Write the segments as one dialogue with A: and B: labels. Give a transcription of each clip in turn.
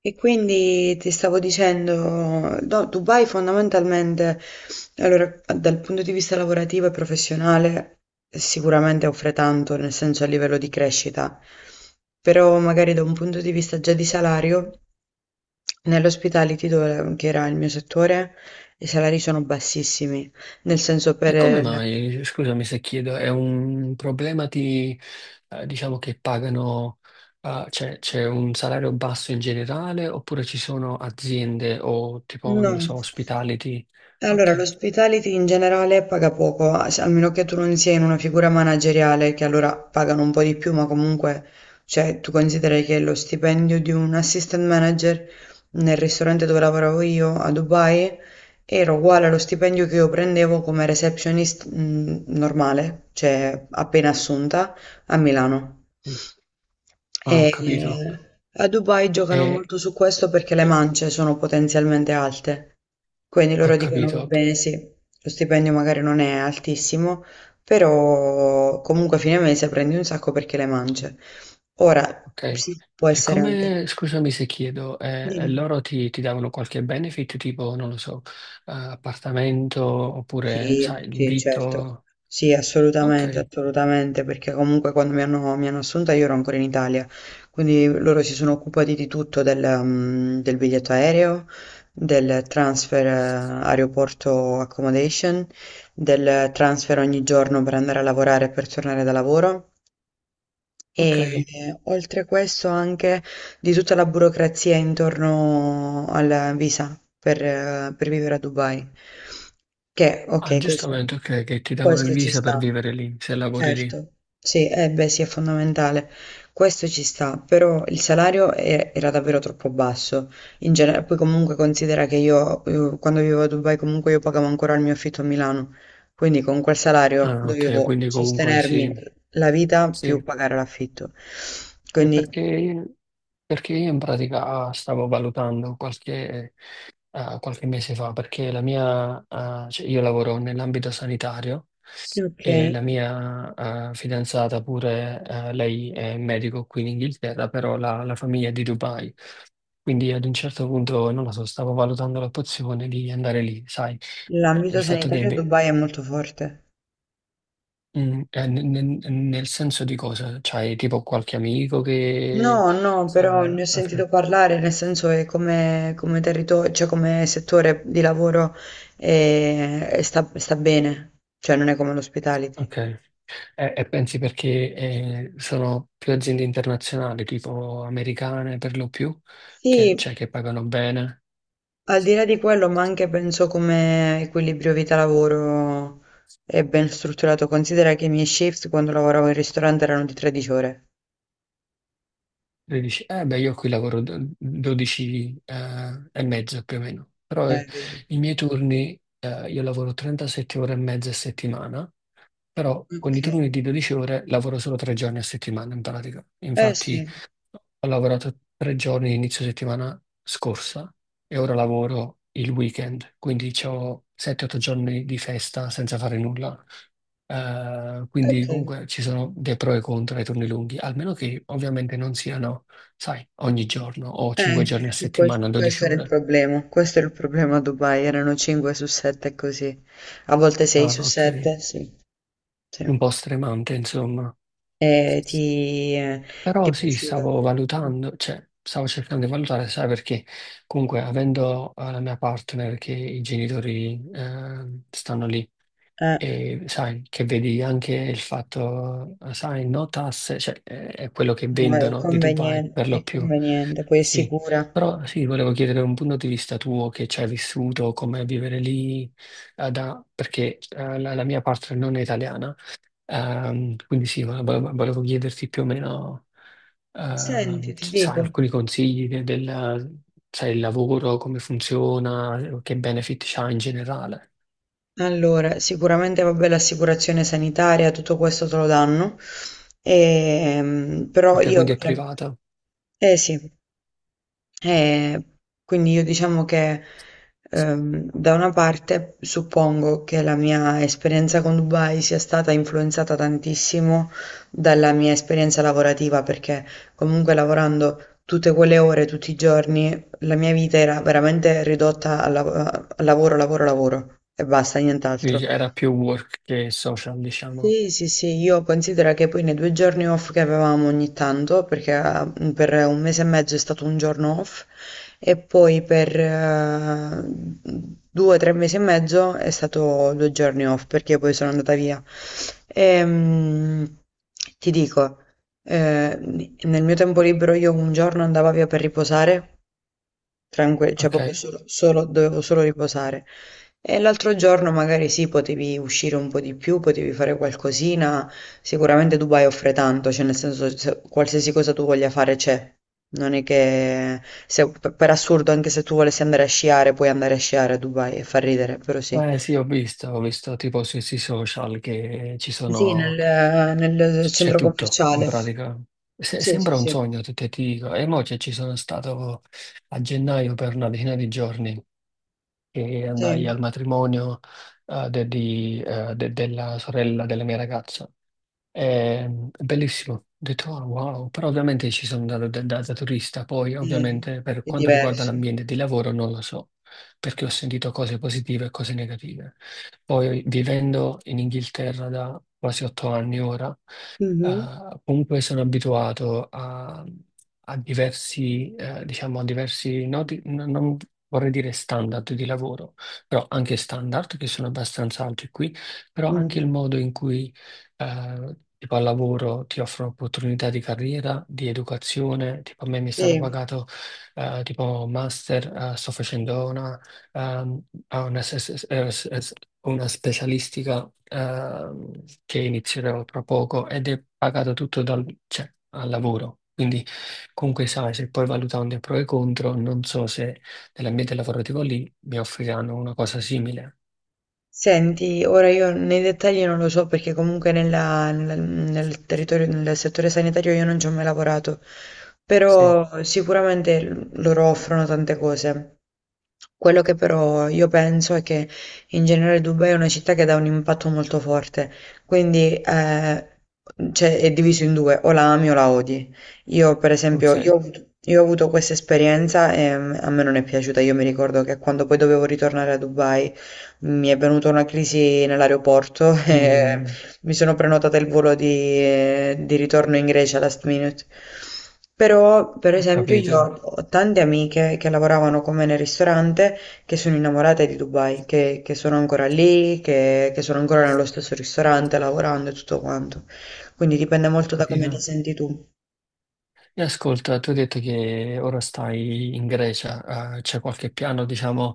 A: E quindi ti stavo dicendo, no, Dubai fondamentalmente, allora, dal punto di vista lavorativo e professionale, sicuramente offre tanto, nel senso a livello di crescita, però magari da un punto di vista già di salario, nell'hospitality, dove, che era il mio settore, i salari sono bassissimi, nel senso per...
B: E come
A: il-
B: mai, scusami se chiedo, è un problema di, diciamo che pagano, c'è un salario basso in generale oppure ci sono aziende o tipo,
A: No.
B: non lo so, ospitality?
A: Allora,
B: Ok,
A: l'hospitality in generale paga poco, a se- almeno che tu non sia in una figura manageriale, che allora pagano un po' di più, ma comunque, cioè, tu consideri che lo stipendio di un assistant manager nel ristorante dove lavoravo io a Dubai era uguale allo stipendio che io prendevo come receptionist, normale, cioè appena assunta a Milano.
B: sì. Ah,
A: E
B: ho capito.
A: a Dubai
B: E,
A: giocano molto su
B: e-
A: questo perché le
B: e-
A: mance sono potenzialmente alte. Quindi
B: Ho
A: loro dicono, va
B: capito,
A: bene, sì, lo stipendio magari non è altissimo, però comunque a fine mese prendi un sacco perché le mangi. Ora,
B: ok.
A: sì, può
B: E
A: essere anche...
B: come, scusami se chiedo, e
A: Dimmi.
B: loro ti davano qualche benefit, tipo, non lo so, appartamento oppure,
A: Sì,
B: sai, il
A: sì, certo.
B: vitto?
A: Sì, assolutamente,
B: Ok,
A: assolutamente, perché comunque quando mi hanno assunta io ero ancora in Italia, quindi loro si sono occupati di tutto, del biglietto aereo, del transfer aeroporto accommodation, del transfer ogni giorno per andare a lavorare e per tornare da lavoro.
B: ok.
A: E oltre questo anche di tutta la burocrazia intorno alla visa per vivere a Dubai. Che,
B: Ah,
A: ok, questo,
B: giustamente, ok, che ti davano il
A: questo ci
B: visa per
A: sta.
B: vivere lì, se lavori lì.
A: Certo, sì, eh beh sì, è fondamentale. Questo ci sta, però il salario era davvero troppo basso. In genere, poi comunque considera che io quando vivevo a Dubai comunque io pagavo ancora il mio affitto a Milano, quindi con quel salario
B: Ah, ok,
A: dovevo
B: quindi comunque
A: sostenermi
B: sì,
A: la vita
B: sì.
A: più pagare l'affitto.
B: Eh,
A: Quindi,
B: Perché, perché io in pratica stavo valutando qualche, qualche mese fa, perché la mia, cioè io lavoro nell'ambito sanitario
A: ok,
B: e la mia, fidanzata pure, lei è medico qui in Inghilterra, però la famiglia è di Dubai. Quindi ad un certo punto, non lo so, stavo valutando l'opzione di andare lì, sai. Il
A: l'ambito
B: fatto che
A: sanitario a
B: beh.
A: Dubai è molto forte.
B: Nel senso di cosa? C'hai tipo qualche amico
A: No,
B: che...
A: no, però
B: Ah,
A: ne ho
B: ok,
A: sentito parlare, nel senso che come, come territorio, cioè come settore di lavoro sta bene, cioè non è come l'hospitality.
B: ok. E pensi perché sono più aziende internazionali, tipo americane per lo più, che,
A: Sì,
B: cioè, che pagano bene?
A: al di là di quello, ma anche penso come equilibrio vita-lavoro è ben strutturato. Considera che i miei shift quando lavoravo in ristorante erano di 13 ore.
B: E dici, eh beh, io qui lavoro 12 e mezzo più o meno, però
A: Vedi.
B: i miei turni, io lavoro 37 ore e mezza a settimana, però con
A: Ok.
B: i turni di 12 ore lavoro solo 3 giorni a settimana in pratica.
A: Eh sì,
B: Infatti ho lavorato 3 giorni inizio settimana scorsa e ora lavoro il weekend, quindi ho 7-8 giorni di festa senza fare nulla.
A: ok.
B: Quindi comunque ci sono dei pro e contro ai turni lunghi, almeno che ovviamente non siano, sai, ogni giorno o 5 giorni a
A: Che
B: settimana,
A: questo,
B: 12
A: era il
B: ore.
A: problema, questo era il problema a Dubai, erano 5 su 7 così, a volte 6
B: Ah,
A: su
B: ok.
A: 7, sì,
B: Un
A: sì.
B: po' stremante, insomma.
A: E ti
B: Però sì,
A: prosciuga.
B: stavo valutando, cioè stavo cercando di valutare, sai, perché comunque avendo la mia partner che i genitori stanno lì
A: Eh,
B: e sai che vedi anche il fatto, sai, no tasse, cioè è quello che
A: no,
B: vendono di Dubai per lo
A: è
B: più,
A: conveniente, poi è
B: sì.
A: sicura.
B: Però sì, volevo chiedere un punto di vista tuo che ci hai vissuto, com'è vivere lì, perché la mia partner non è italiana. Quindi sì, ma volevo chiederti più o meno,
A: Senti, ti
B: sai,
A: dico,
B: alcuni consigli del, sai, il lavoro, come funziona, che benefit c'ha in generale.
A: allora, sicuramente vabbè l'assicurazione sanitaria, tutto questo te lo danno, però
B: Ok, quindi
A: io...
B: è privata,
A: Eh sì, eh, quindi io diciamo che da una parte suppongo che la mia esperienza con Dubai sia stata influenzata tantissimo dalla mia esperienza lavorativa, perché comunque lavorando tutte quelle ore, tutti i giorni, la mia vita era veramente ridotta al al lavoro, lavoro, lavoro e basta, nient'altro.
B: quindi era più work che social, diciamo.
A: Sì, sì, sì, io considero che poi nei due giorni off che avevamo ogni tanto, perché per un mese e mezzo è stato un giorno off, e poi per due tre mesi e mezzo è stato due giorni off, perché poi sono andata via. Ehm, ti dico, eh, nel mio tempo libero io un giorno andavo via per riposare, Tranque cioè proprio
B: Ok?
A: solo dovevo solo riposare. E l'altro giorno magari sì, potevi uscire un po' di più, potevi fare qualcosina. Sicuramente Dubai offre tanto, cioè nel senso qualsiasi cosa tu voglia fare c'è. Non è che per assurdo, anche se tu volessi andare a sciare, puoi andare a sciare a Dubai e fa ridere, però sì.
B: Eh sì, ho visto tipo sui social che ci
A: Sì,
B: sono,
A: nel, nel
B: c'è
A: centro
B: tutto in
A: commerciale.
B: pratica.
A: Sì, sì,
B: Sembra un
A: sì.
B: sogno, te ti dico. E mo' che ci sono stato a gennaio per una decina di giorni e andai
A: Sì,
B: al matrimonio della sorella della mia ragazza. È bellissimo, ho detto "Oh, wow", però ovviamente ci sono andato da, da turista, poi
A: eh,
B: ovviamente per
A: è
B: quanto riguarda
A: diverso.
B: l'ambiente di lavoro non lo so, perché ho sentito cose positive e cose negative. Poi vivendo in Inghilterra da quasi 8 anni ora,
A: Mhm,
B: comunque sono abituato a diversi, diciamo, a diversi, no, non vorrei dire standard di lavoro, però anche standard che sono abbastanza alti qui, però anche
A: mhm.
B: il modo in cui tipo al lavoro ti offrono opportunità di carriera, di educazione, tipo a me mi è stato
A: Sì.
B: pagato tipo master, sto facendo una, ehm, a una, s- s- s- s- una specialistica che inizierò tra poco ed è pagato tutto dal, cioè, al lavoro. Quindi comunque sai, se poi valutando i pro e i contro, non so se nell'ambiente lavorativo lì mi offriranno una cosa simile.
A: Senti, ora io nei dettagli non lo so perché comunque nel, nel territorio, nel settore sanitario io non ci ho mai lavorato,
B: Sì,
A: però sicuramente loro offrono tante cose. Quello che però io penso è che in generale Dubai è una città che dà un impatto molto forte, quindi cioè, è diviso in due, o la ami o la odi. Io per esempio, io
B: ok.
A: ho avuto, io ho avuto questa esperienza e a me non è piaciuta, io mi ricordo che quando poi dovevo ritornare a Dubai mi è venuta una crisi nell'aeroporto e
B: Mm,
A: mi sono prenotata il volo di ritorno in Grecia last minute. Però, per
B: Ho
A: esempio, io
B: capito.
A: ho tante amiche che lavoravano con me nel ristorante che sono innamorate di Dubai, che sono ancora lì, che sono ancora nello stesso ristorante lavorando e tutto quanto. Quindi dipende
B: Ho
A: molto da come ti
B: capito.
A: senti tu.
B: E ascolta, tu hai detto che ora stai in Grecia, c'è qualche piano, diciamo,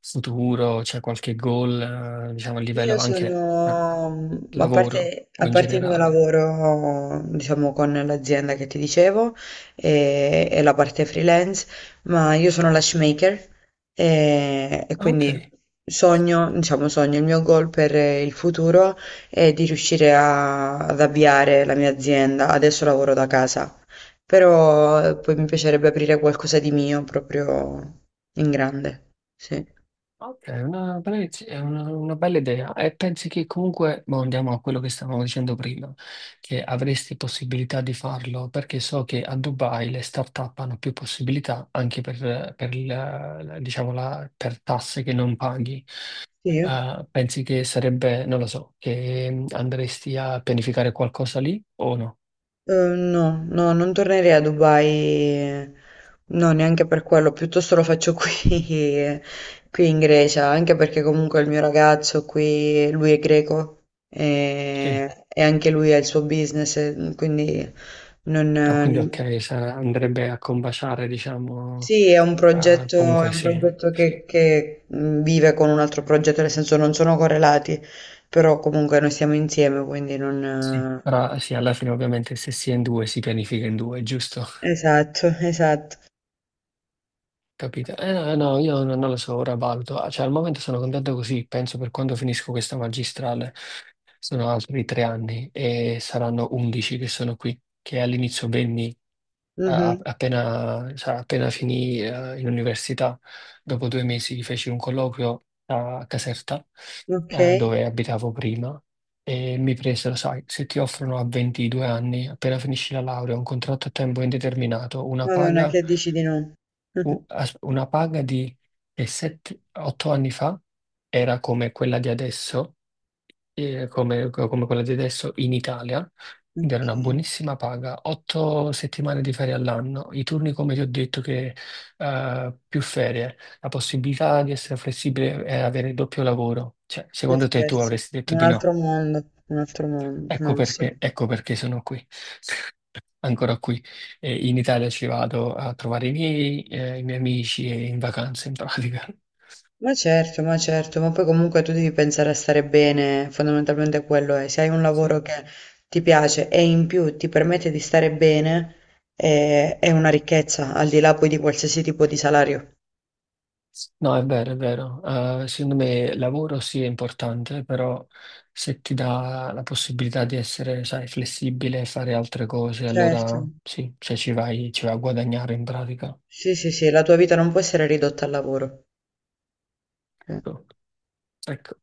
B: futuro, c'è qualche goal, diciamo, a livello
A: Io
B: anche,
A: sono,
B: lavoro o
A: a
B: in
A: parte il mio
B: generale?
A: lavoro, diciamo, con l'azienda che ti dicevo e la parte freelance, ma io sono lash maker e
B: Ah, ok,
A: quindi sogno, diciamo, sogno, il mio goal per il futuro è di riuscire ad avviare la mia azienda. Adesso lavoro da casa, però poi mi piacerebbe aprire qualcosa di mio proprio in grande. Sì.
B: ok, è una bella, una bella idea. E pensi che comunque, boh, andiamo a quello che stavamo dicendo prima, che avresti possibilità di farlo, perché so che a Dubai le start-up hanno più possibilità anche per diciamo, per tasse che non paghi.
A: Sì.
B: Pensi che sarebbe, non lo so, che andresti a pianificare qualcosa lì o no?
A: No, no, non tornerei a Dubai, no, neanche per quello, piuttosto lo faccio qui, eh, qui in Grecia, anche perché comunque il
B: Sì.
A: mio ragazzo qui, lui è greco
B: Sì.
A: e anche lui ha il suo business, e quindi non,
B: Ah, quindi ok, andrebbe a combaciare, diciamo,
A: Sì,
B: ah,
A: è
B: comunque
A: un
B: sì,
A: progetto
B: sì,
A: che vive con un altro progetto, nel senso non sono correlati, però comunque noi siamo insieme, quindi
B: sì.
A: non...
B: Però sì, alla fine ovviamente se si è in due si pianifica in due, giusto?
A: esatto, esatto.
B: Capito? Eh no, no, io non lo so, ora valuto. Ah, cioè al momento sono contento così, penso per quando finisco questa magistrale. Sono altri 3 anni e saranno 11 che sono qui, che all'inizio venni
A: Mhm,
B: appena, cioè, appena finì in università, dopo 2 mesi feci un colloquio a Caserta,
A: ok.
B: dove abitavo prima, e mi presero, sai, se ti offrono a 22 anni, appena finisci la laurea, un contratto a tempo indeterminato, una
A: Madonna,
B: paga,
A: che dici di no?
B: una paga di 8 anni fa era come quella di adesso come quella di adesso in Italia, ed era
A: Ok,
B: una buonissima paga, 8 settimane di ferie all'anno, i turni come ti ho detto che più ferie, la possibilità di essere flessibile e avere il doppio lavoro. Cioè,
A: che
B: secondo te tu
A: scherzo.
B: avresti detto di no?
A: Un altro mondo, no, sì.
B: Ecco perché sono qui, ancora qui. E in Italia ci vado a trovare i miei amici e in vacanza in pratica.
A: Ma certo, ma certo, ma poi comunque tu devi pensare a stare bene, fondamentalmente quello è. Se hai un
B: Sì.
A: lavoro che ti piace e in più ti permette di stare bene, è una ricchezza, al di là poi di qualsiasi tipo di salario.
B: No, è vero, è vero. Secondo me lavoro sì è importante, però se ti dà la possibilità di essere, sai, flessibile e fare altre cose,
A: Certo,
B: allora sì, cioè ci vai a guadagnare in pratica.
A: sì, sì, sì, la tua vita non può essere ridotta al lavoro. Sì.
B: Ecco.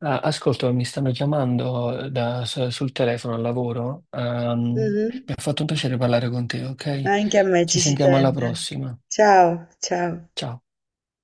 B: Ah, ascolto, mi stanno chiamando sul telefono al lavoro.
A: Mhm.
B: Mi ha fatto un piacere parlare con te, ok?
A: Anche a me
B: Ci
A: ci si
B: sentiamo alla
A: sente.
B: prossima.
A: Ciao, ciao.
B: Ciao.